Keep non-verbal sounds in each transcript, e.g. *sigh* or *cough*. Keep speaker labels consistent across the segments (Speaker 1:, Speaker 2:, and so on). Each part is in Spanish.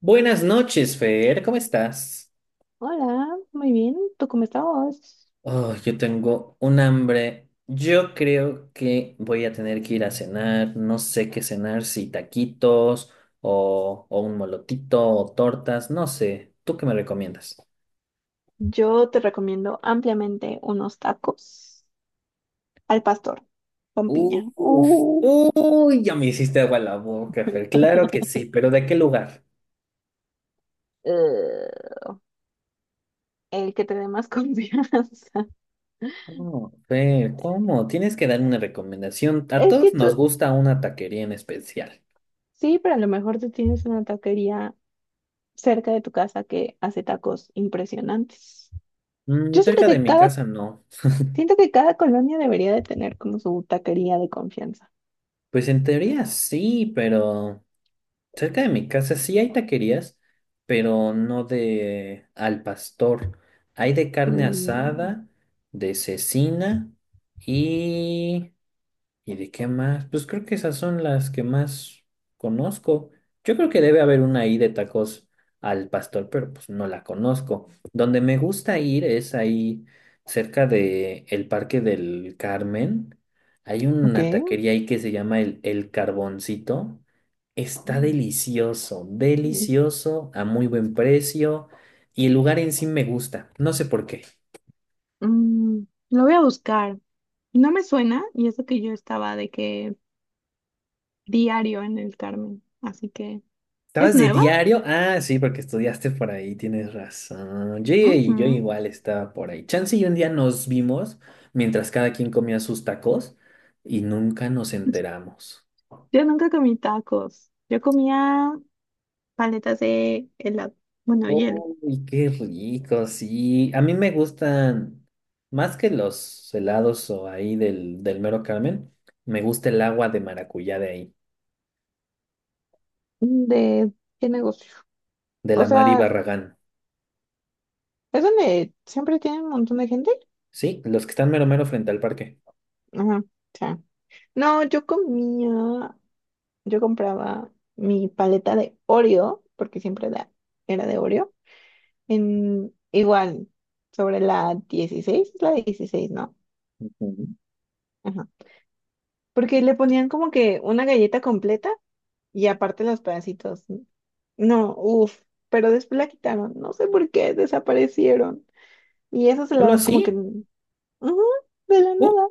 Speaker 1: Buenas noches, Fer, ¿cómo estás?
Speaker 2: Hola, muy bien. ¿Tú cómo estás?
Speaker 1: Oh, yo tengo un hambre. Yo creo que voy a tener que ir a cenar. No sé qué cenar, si taquitos o un molotito o tortas, no sé. ¿Tú qué me recomiendas?
Speaker 2: Yo te recomiendo ampliamente unos tacos al pastor con
Speaker 1: Uf,
Speaker 2: piña.
Speaker 1: uy, ya me hiciste agua la boca, Fer. Claro que
Speaker 2: *laughs*
Speaker 1: sí, pero ¿de qué lugar?
Speaker 2: Eh, el que te dé más *laughs* confianza.
Speaker 1: Oh, Fer, ¿cómo? Tienes que darme una recomendación. A
Speaker 2: Es que
Speaker 1: todos nos
Speaker 2: tú,
Speaker 1: gusta una taquería en especial.
Speaker 2: sí, pero a lo mejor tú tienes una taquería cerca de tu casa que hace tacos impresionantes. Yo siento
Speaker 1: Cerca de
Speaker 2: que
Speaker 1: mi
Speaker 2: cada,
Speaker 1: casa no.
Speaker 2: Siento que cada colonia debería de tener como su taquería de confianza.
Speaker 1: Pues en teoría sí, pero cerca de mi casa sí hay taquerías, pero no de al pastor. Hay de carne
Speaker 2: Mm,
Speaker 1: asada, de cecina y ¿Y de qué más? Pues creo que esas son las que más conozco. Yo creo que debe haber una ahí de tacos al pastor, pero pues no la conozco. Donde me gusta ir es ahí cerca de el Parque del Carmen. Hay
Speaker 2: ok.
Speaker 1: una taquería ahí que se llama el Carboncito. Está
Speaker 2: Mm.
Speaker 1: delicioso,
Speaker 2: Mm,
Speaker 1: delicioso, a muy buen precio. Y el lugar en sí me gusta. No sé por qué.
Speaker 2: Mm, lo voy a buscar. No me suena, y eso que yo estaba de que diario en el Carmen. Así que, ¿es
Speaker 1: ¿Estabas de
Speaker 2: nueva?
Speaker 1: diario? Ah, sí, porque estudiaste por ahí, tienes razón. Yo
Speaker 2: Ujú.
Speaker 1: igual estaba por ahí. Chance y un día nos vimos mientras cada quien comía sus tacos y nunca nos enteramos.
Speaker 2: Yo nunca comí tacos. Yo comía paletas de helado, bueno, hielo.
Speaker 1: Uy, qué rico, sí. A mí me gustan más que los helados o ahí del mero Carmen, me gusta el agua de maracuyá de ahí,
Speaker 2: ¿De qué negocio?
Speaker 1: de
Speaker 2: O
Speaker 1: la Mari
Speaker 2: sea,
Speaker 1: Barragán.
Speaker 2: es donde siempre tiene un montón de gente.
Speaker 1: Sí, los que están mero mero frente al parque.
Speaker 2: Ajá, o sea. No, yo comía. Yo compraba mi paleta de Oreo, porque era de Oreo, en igual, sobre la 16 es la 16, ¿no?
Speaker 1: Ujú.
Speaker 2: Ajá. Porque le ponían como que una galleta completa y aparte los pedacitos. No, uff, pero después la quitaron, no sé por qué, desaparecieron. Y esos
Speaker 1: ¿Solo
Speaker 2: helados como que,
Speaker 1: así?
Speaker 2: ujú, de la
Speaker 1: Uh,
Speaker 2: nada,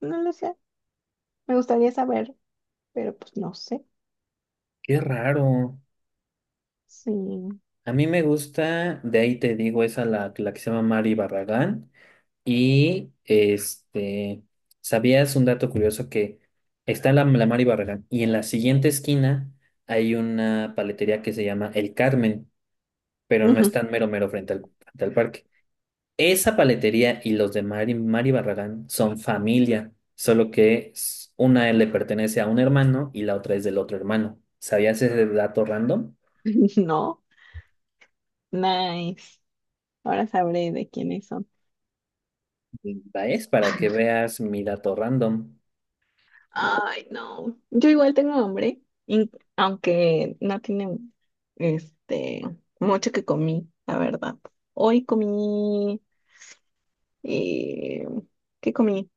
Speaker 2: no lo sé. Me gustaría saber, pero pues no sé.
Speaker 1: qué raro.
Speaker 2: Sí.
Speaker 1: A mí me gusta, de ahí te digo, esa la que se llama Mari Barragán. Y este, ¿Sabías un dato curioso que está la Mari Barragán y en la siguiente esquina hay una paletería que se llama El Carmen, pero no es
Speaker 2: Ujú.
Speaker 1: tan mero mero frente al parque? Esa paletería y los de Mari Barragán son familia, solo que una le pertenece a un hermano y la otra es del otro hermano. ¿Sabías ese dato random?
Speaker 2: *laughs* No, nice. Ahora sabré de quiénes son.
Speaker 1: Es para que veas mi dato random.
Speaker 2: Ay, no. Yo igual tengo hambre, aunque no tiene este mucho que comí, la verdad. Hoy comí eh, ¿qué comí?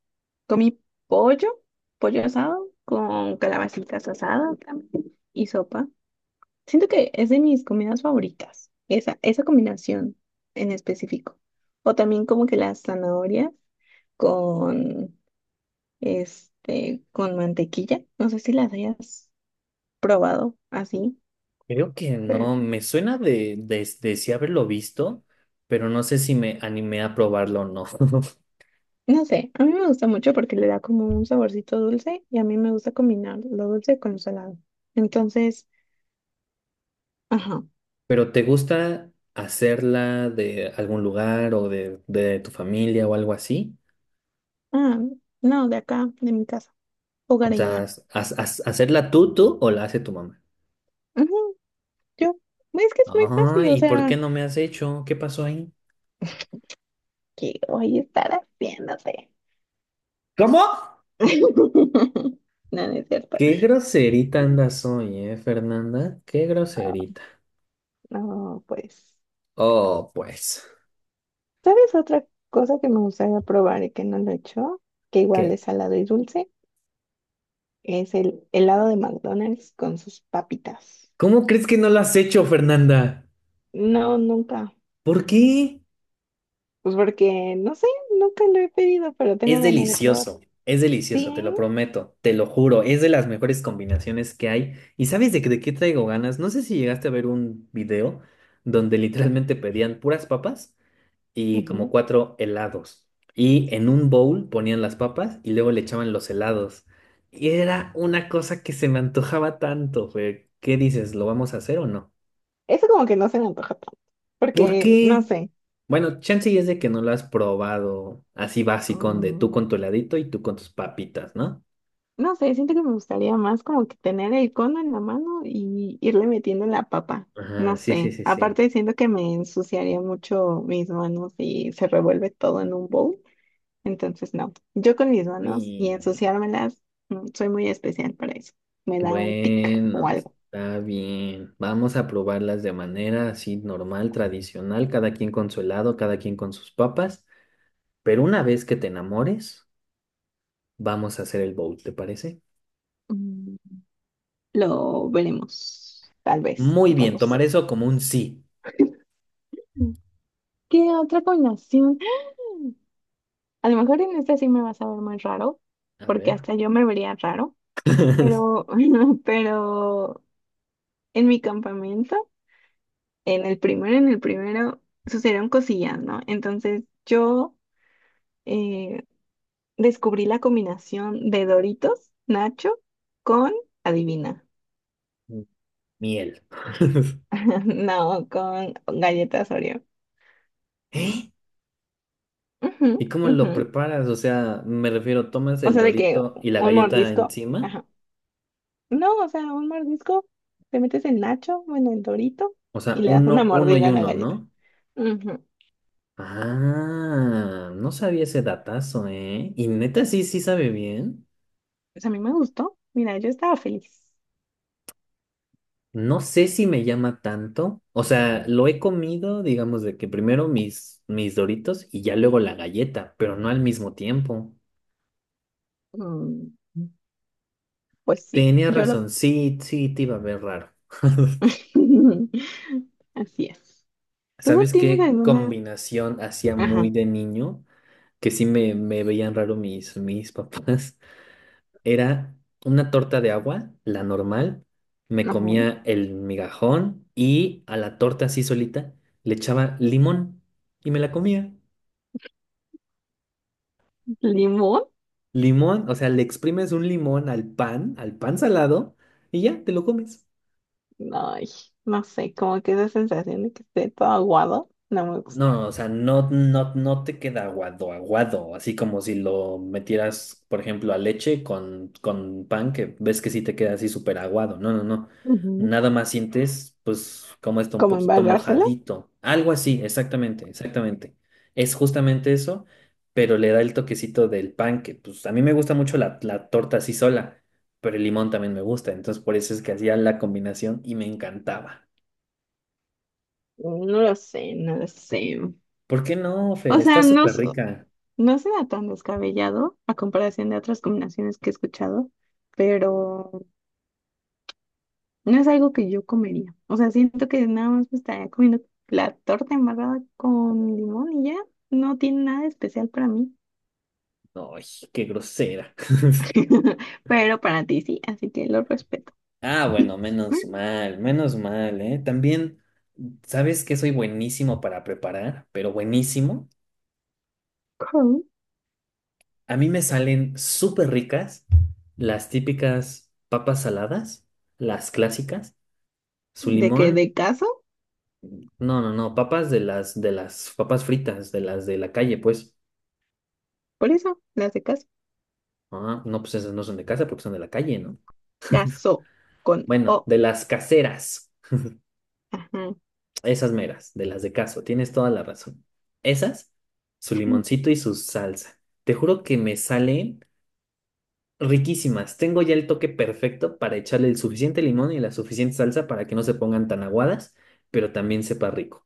Speaker 2: Comí pollo, pollo asado con calabacitas asadas también, y sopa. Siento que es de mis comidas favoritas, esa combinación en específico. O también como que las zanahorias con este, con mantequilla. No sé si las hayas probado así,
Speaker 1: Creo que
Speaker 2: pero
Speaker 1: no, me suena de sí haberlo visto, pero no sé si me animé a probarlo o no. *laughs*
Speaker 2: no sé, a mí me gusta mucho porque le da como un saborcito dulce y a mí me gusta combinar lo dulce con lo salado. Entonces, ajá.
Speaker 1: ¿Pero te gusta hacerla de algún lugar o de tu familia o algo así?
Speaker 2: Ah, no, de acá, de mi casa,
Speaker 1: O sea,
Speaker 2: hogareña.
Speaker 1: ¿hacerla tú o la hace tu mamá?
Speaker 2: Ajá, yo, es que es muy fácil, o
Speaker 1: Ay, ¿y por
Speaker 2: sea,
Speaker 1: qué no me has hecho? ¿Qué pasó ahí?
Speaker 2: que voy a estar haciéndote.
Speaker 1: ¿Cómo?
Speaker 2: *laughs* No, no es cierto.
Speaker 1: Qué groserita
Speaker 2: No,
Speaker 1: andas hoy, ¿eh, Fernanda? Qué groserita.
Speaker 2: no, pues.
Speaker 1: Oh, pues,
Speaker 2: ¿Sabes otra cosa que me gustaría probar y que no lo he hecho? Que igual
Speaker 1: ¿qué?
Speaker 2: es salado y dulce. Es el helado de McDonald's con sus papitas.
Speaker 1: ¿Cómo crees que no lo has hecho, Fernanda?
Speaker 2: No, nunca.
Speaker 1: ¿Por qué?
Speaker 2: Pues porque, no sé, nunca lo he pedido, pero tengo ganas de probarlo.
Speaker 1: Es
Speaker 2: Sí,
Speaker 1: delicioso, te lo
Speaker 2: ¿eh?
Speaker 1: prometo, te lo juro, es de las mejores combinaciones que hay. ¿Y sabes de qué traigo ganas? No sé si llegaste a ver un video donde literalmente pedían puras papas y como
Speaker 2: Ujú.
Speaker 1: cuatro helados. Y en un bowl ponían las papas y luego le echaban los helados. Y era una cosa que se me antojaba tanto, Fer. ¿Qué dices? ¿Lo vamos a hacer o no?
Speaker 2: Eso como que no se me antoja tanto.
Speaker 1: ¿Por
Speaker 2: Porque, no
Speaker 1: qué?
Speaker 2: sé.
Speaker 1: Bueno, chance y es de que no lo has probado así básico, de tú
Speaker 2: mm,
Speaker 1: con tu heladito y tú con tus papitas, ¿no?
Speaker 2: No sé, siento que me gustaría más como que tener el cono en la mano y irle metiendo la papa. No
Speaker 1: Ajá, sí, sí,
Speaker 2: sé.
Speaker 1: sí, sí.
Speaker 2: Aparte siento que me ensuciaría mucho mis manos y se revuelve todo en un bowl. Entonces no. Yo con mis manos y
Speaker 1: Y
Speaker 2: ensuciármelas, soy muy especial para eso. Me da un tic o
Speaker 1: bueno,
Speaker 2: algo.
Speaker 1: está bien. Vamos a probarlas de manera así normal, tradicional, cada quien con su helado, cada quien con sus papas. Pero una vez que te enamores, vamos a hacer el bowl, ¿te parece?
Speaker 2: Mm, Lo veremos. Tal vez.
Speaker 1: Muy
Speaker 2: No
Speaker 1: bien,
Speaker 2: lo
Speaker 1: tomar
Speaker 2: sé.
Speaker 1: eso como un sí.
Speaker 2: Mm. ¿Qué otra combinación? A lo mejor en esta sí me vas a ver muy raro,
Speaker 1: A
Speaker 2: porque
Speaker 1: ver.
Speaker 2: hasta yo me vería raro.
Speaker 1: *laughs*
Speaker 2: Pero, *laughs* pero en mi campamento, en el primero, sucedieron cosillas, ¿no? Entonces yo eh, descubrí la combinación de Doritos, Nacho, con, adivina,
Speaker 1: Miel. *laughs*
Speaker 2: *laughs* no, con galletas Oreo.
Speaker 1: ¿Eh?
Speaker 2: Ujú,
Speaker 1: ¿Y cómo lo
Speaker 2: ujú.
Speaker 1: preparas? O sea, me refiero, tomas
Speaker 2: O
Speaker 1: el
Speaker 2: sea, de que
Speaker 1: dorito y la
Speaker 2: un
Speaker 1: galleta
Speaker 2: mordisco,
Speaker 1: encima.
Speaker 2: ajá. No, o sea, un mordisco, te metes el Nacho, bueno, el Dorito,
Speaker 1: O sea,
Speaker 2: y le das una
Speaker 1: uno, uno
Speaker 2: mordida
Speaker 1: y
Speaker 2: a la
Speaker 1: uno,
Speaker 2: galleta.
Speaker 1: ¿no?
Speaker 2: Ujú.
Speaker 1: Ah, no sabía ese datazo, ¿eh? Y neta, sí, sí sabe bien.
Speaker 2: Pues a mí me gustó. Mira, yo estaba feliz.
Speaker 1: No sé si me llama tanto. O sea, lo he comido, digamos, de que primero mis doritos y ya luego la galleta, pero no al mismo tiempo.
Speaker 2: Mm, pues sí,
Speaker 1: Tenía
Speaker 2: yo lo...
Speaker 1: razón, sí, sí, te iba a ver raro.
Speaker 2: *laughs* Así es. ¿Tú
Speaker 1: ¿Sabes
Speaker 2: tienes
Speaker 1: qué
Speaker 2: alguna...
Speaker 1: combinación hacía muy
Speaker 2: Ajá,
Speaker 1: de niño? Que sí me veían raro mis papás, *laughs* era una torta de agua, la normal, me
Speaker 2: ajá.
Speaker 1: comía el migajón y a la torta así solita le echaba limón y me la comía.
Speaker 2: ¿Limón?
Speaker 1: Limón, o sea, le exprimes un limón al pan salado y ya te lo comes.
Speaker 2: Ay, no sé, como que esa sensación de que esté todo aguado, no me gusta.
Speaker 1: No, o sea, no, no, no te queda aguado, aguado, así como si lo metieras, por ejemplo, a leche con pan, que ves que sí te queda así súper aguado. No, no, no.
Speaker 2: Ujú.
Speaker 1: Nada más sientes, pues, como está un
Speaker 2: ¿Cómo
Speaker 1: poquito
Speaker 2: embarrárselo?
Speaker 1: mojadito. Algo así, exactamente, exactamente. Es justamente eso, pero le da el toquecito del pan, que pues a mí me gusta mucho la torta así sola, pero el limón también me gusta, entonces por eso es que hacía la combinación y me encantaba.
Speaker 2: No lo sé, no lo sé.
Speaker 1: ¿Por qué no,
Speaker 2: O
Speaker 1: Fer? Está
Speaker 2: sea, no,
Speaker 1: súper rica.
Speaker 2: no suena tan descabellado a comparación de otras combinaciones que he escuchado, pero... No es algo que yo comería. O sea, siento que nada más me estaría comiendo la torta embarrada con limón y ya. No tiene nada de especial para mí.
Speaker 1: Ay, qué grosera.
Speaker 2: *laughs* Pero para ti sí, así que lo respeto.
Speaker 1: Ah, bueno,
Speaker 2: *laughs*
Speaker 1: menos mal, ¿eh? También, ¿sabes que soy buenísimo para preparar? Pero buenísimo.
Speaker 2: Con-
Speaker 1: A mí me salen súper ricas las típicas papas saladas, las clásicas, su
Speaker 2: ¿De que?
Speaker 1: limón,
Speaker 2: ¿De caso?
Speaker 1: no, no, no, papas de las papas fritas, de las de la calle, pues.
Speaker 2: Por eso, las de caso.
Speaker 1: Ah, no, pues esas no son de casa porque son de la calle, ¿no?
Speaker 2: Caso con
Speaker 1: Bueno,
Speaker 2: O.
Speaker 1: de las caseras.
Speaker 2: Ajá.
Speaker 1: Esas meras, de las de caso, tienes toda la razón. Esas, su limoncito y su salsa. Te juro que me salen riquísimas. Tengo ya el toque perfecto para echarle el suficiente limón y la suficiente salsa para que no se pongan tan aguadas, pero también sepa rico.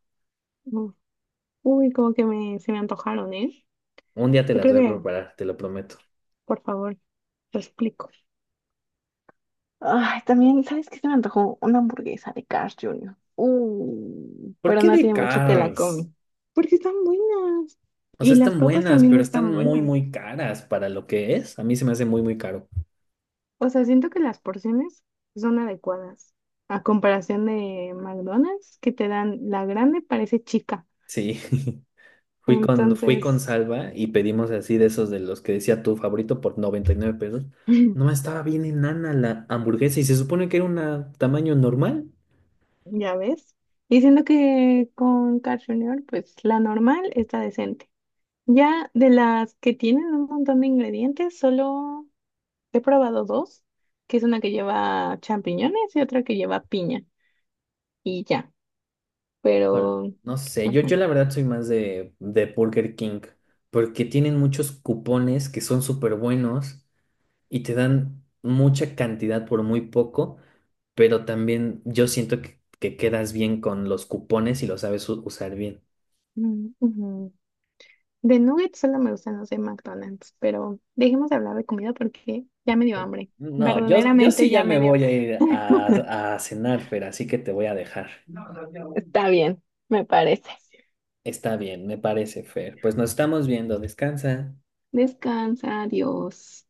Speaker 2: Uf, uy, como que me, se me antojaron, ¿eh?
Speaker 1: Un día te
Speaker 2: Yo
Speaker 1: las
Speaker 2: creo
Speaker 1: voy a
Speaker 2: que,
Speaker 1: preparar, te lo prometo.
Speaker 2: por favor, lo explico. Ay, también, ¿sabes qué se me antojó? Una hamburguesa de Carl Jr.
Speaker 1: ¿Por
Speaker 2: Pero
Speaker 1: qué
Speaker 2: no
Speaker 1: de
Speaker 2: tiene mucho que la
Speaker 1: Carl's?
Speaker 2: come. Porque están buenas.
Speaker 1: O sea,
Speaker 2: Y las
Speaker 1: están
Speaker 2: papas
Speaker 1: buenas,
Speaker 2: también
Speaker 1: pero están
Speaker 2: están
Speaker 1: muy,
Speaker 2: buenas.
Speaker 1: muy caras para lo que es. A mí se me hace muy, muy caro.
Speaker 2: O sea, siento que las porciones son adecuadas. A comparación de McDonald's, que te dan la grande, parece chica.
Speaker 1: Sí. *laughs* Fui con
Speaker 2: Entonces,
Speaker 1: Salva y pedimos así de esos de los que decía tu favorito por 99 pesos. No
Speaker 2: *laughs*
Speaker 1: estaba bien enana la hamburguesa y se supone que era un tamaño normal.
Speaker 2: ya ves. Y siento que con Carl Jr., pues la normal está decente. Ya de las que tienen un montón de ingredientes, solo he probado dos, que es una que lleva champiñones y otra que lleva piña. Y ya,
Speaker 1: Híjole,
Speaker 2: pero...
Speaker 1: no sé, yo,
Speaker 2: ujú,
Speaker 1: la verdad soy más de Burger King porque tienen muchos cupones que son súper buenos y te dan mucha cantidad por muy poco, pero también yo siento que quedas bien con los cupones y lo sabes usar bien.
Speaker 2: mm, ujú. De nuggets solo me gustan los de McDonald's, pero dejemos de hablar de comida porque ya me dio hambre.
Speaker 1: No, yo, sí
Speaker 2: Verdaderamente
Speaker 1: ya
Speaker 2: ya
Speaker 1: me
Speaker 2: me dio.
Speaker 1: voy a ir
Speaker 2: *laughs*
Speaker 1: a cenar, Fer, así que te voy a dejar.
Speaker 2: Está bien, me parece.
Speaker 1: Está bien, me parece, Fer. Pues nos estamos viendo, descansa.
Speaker 2: Descansa, adiós.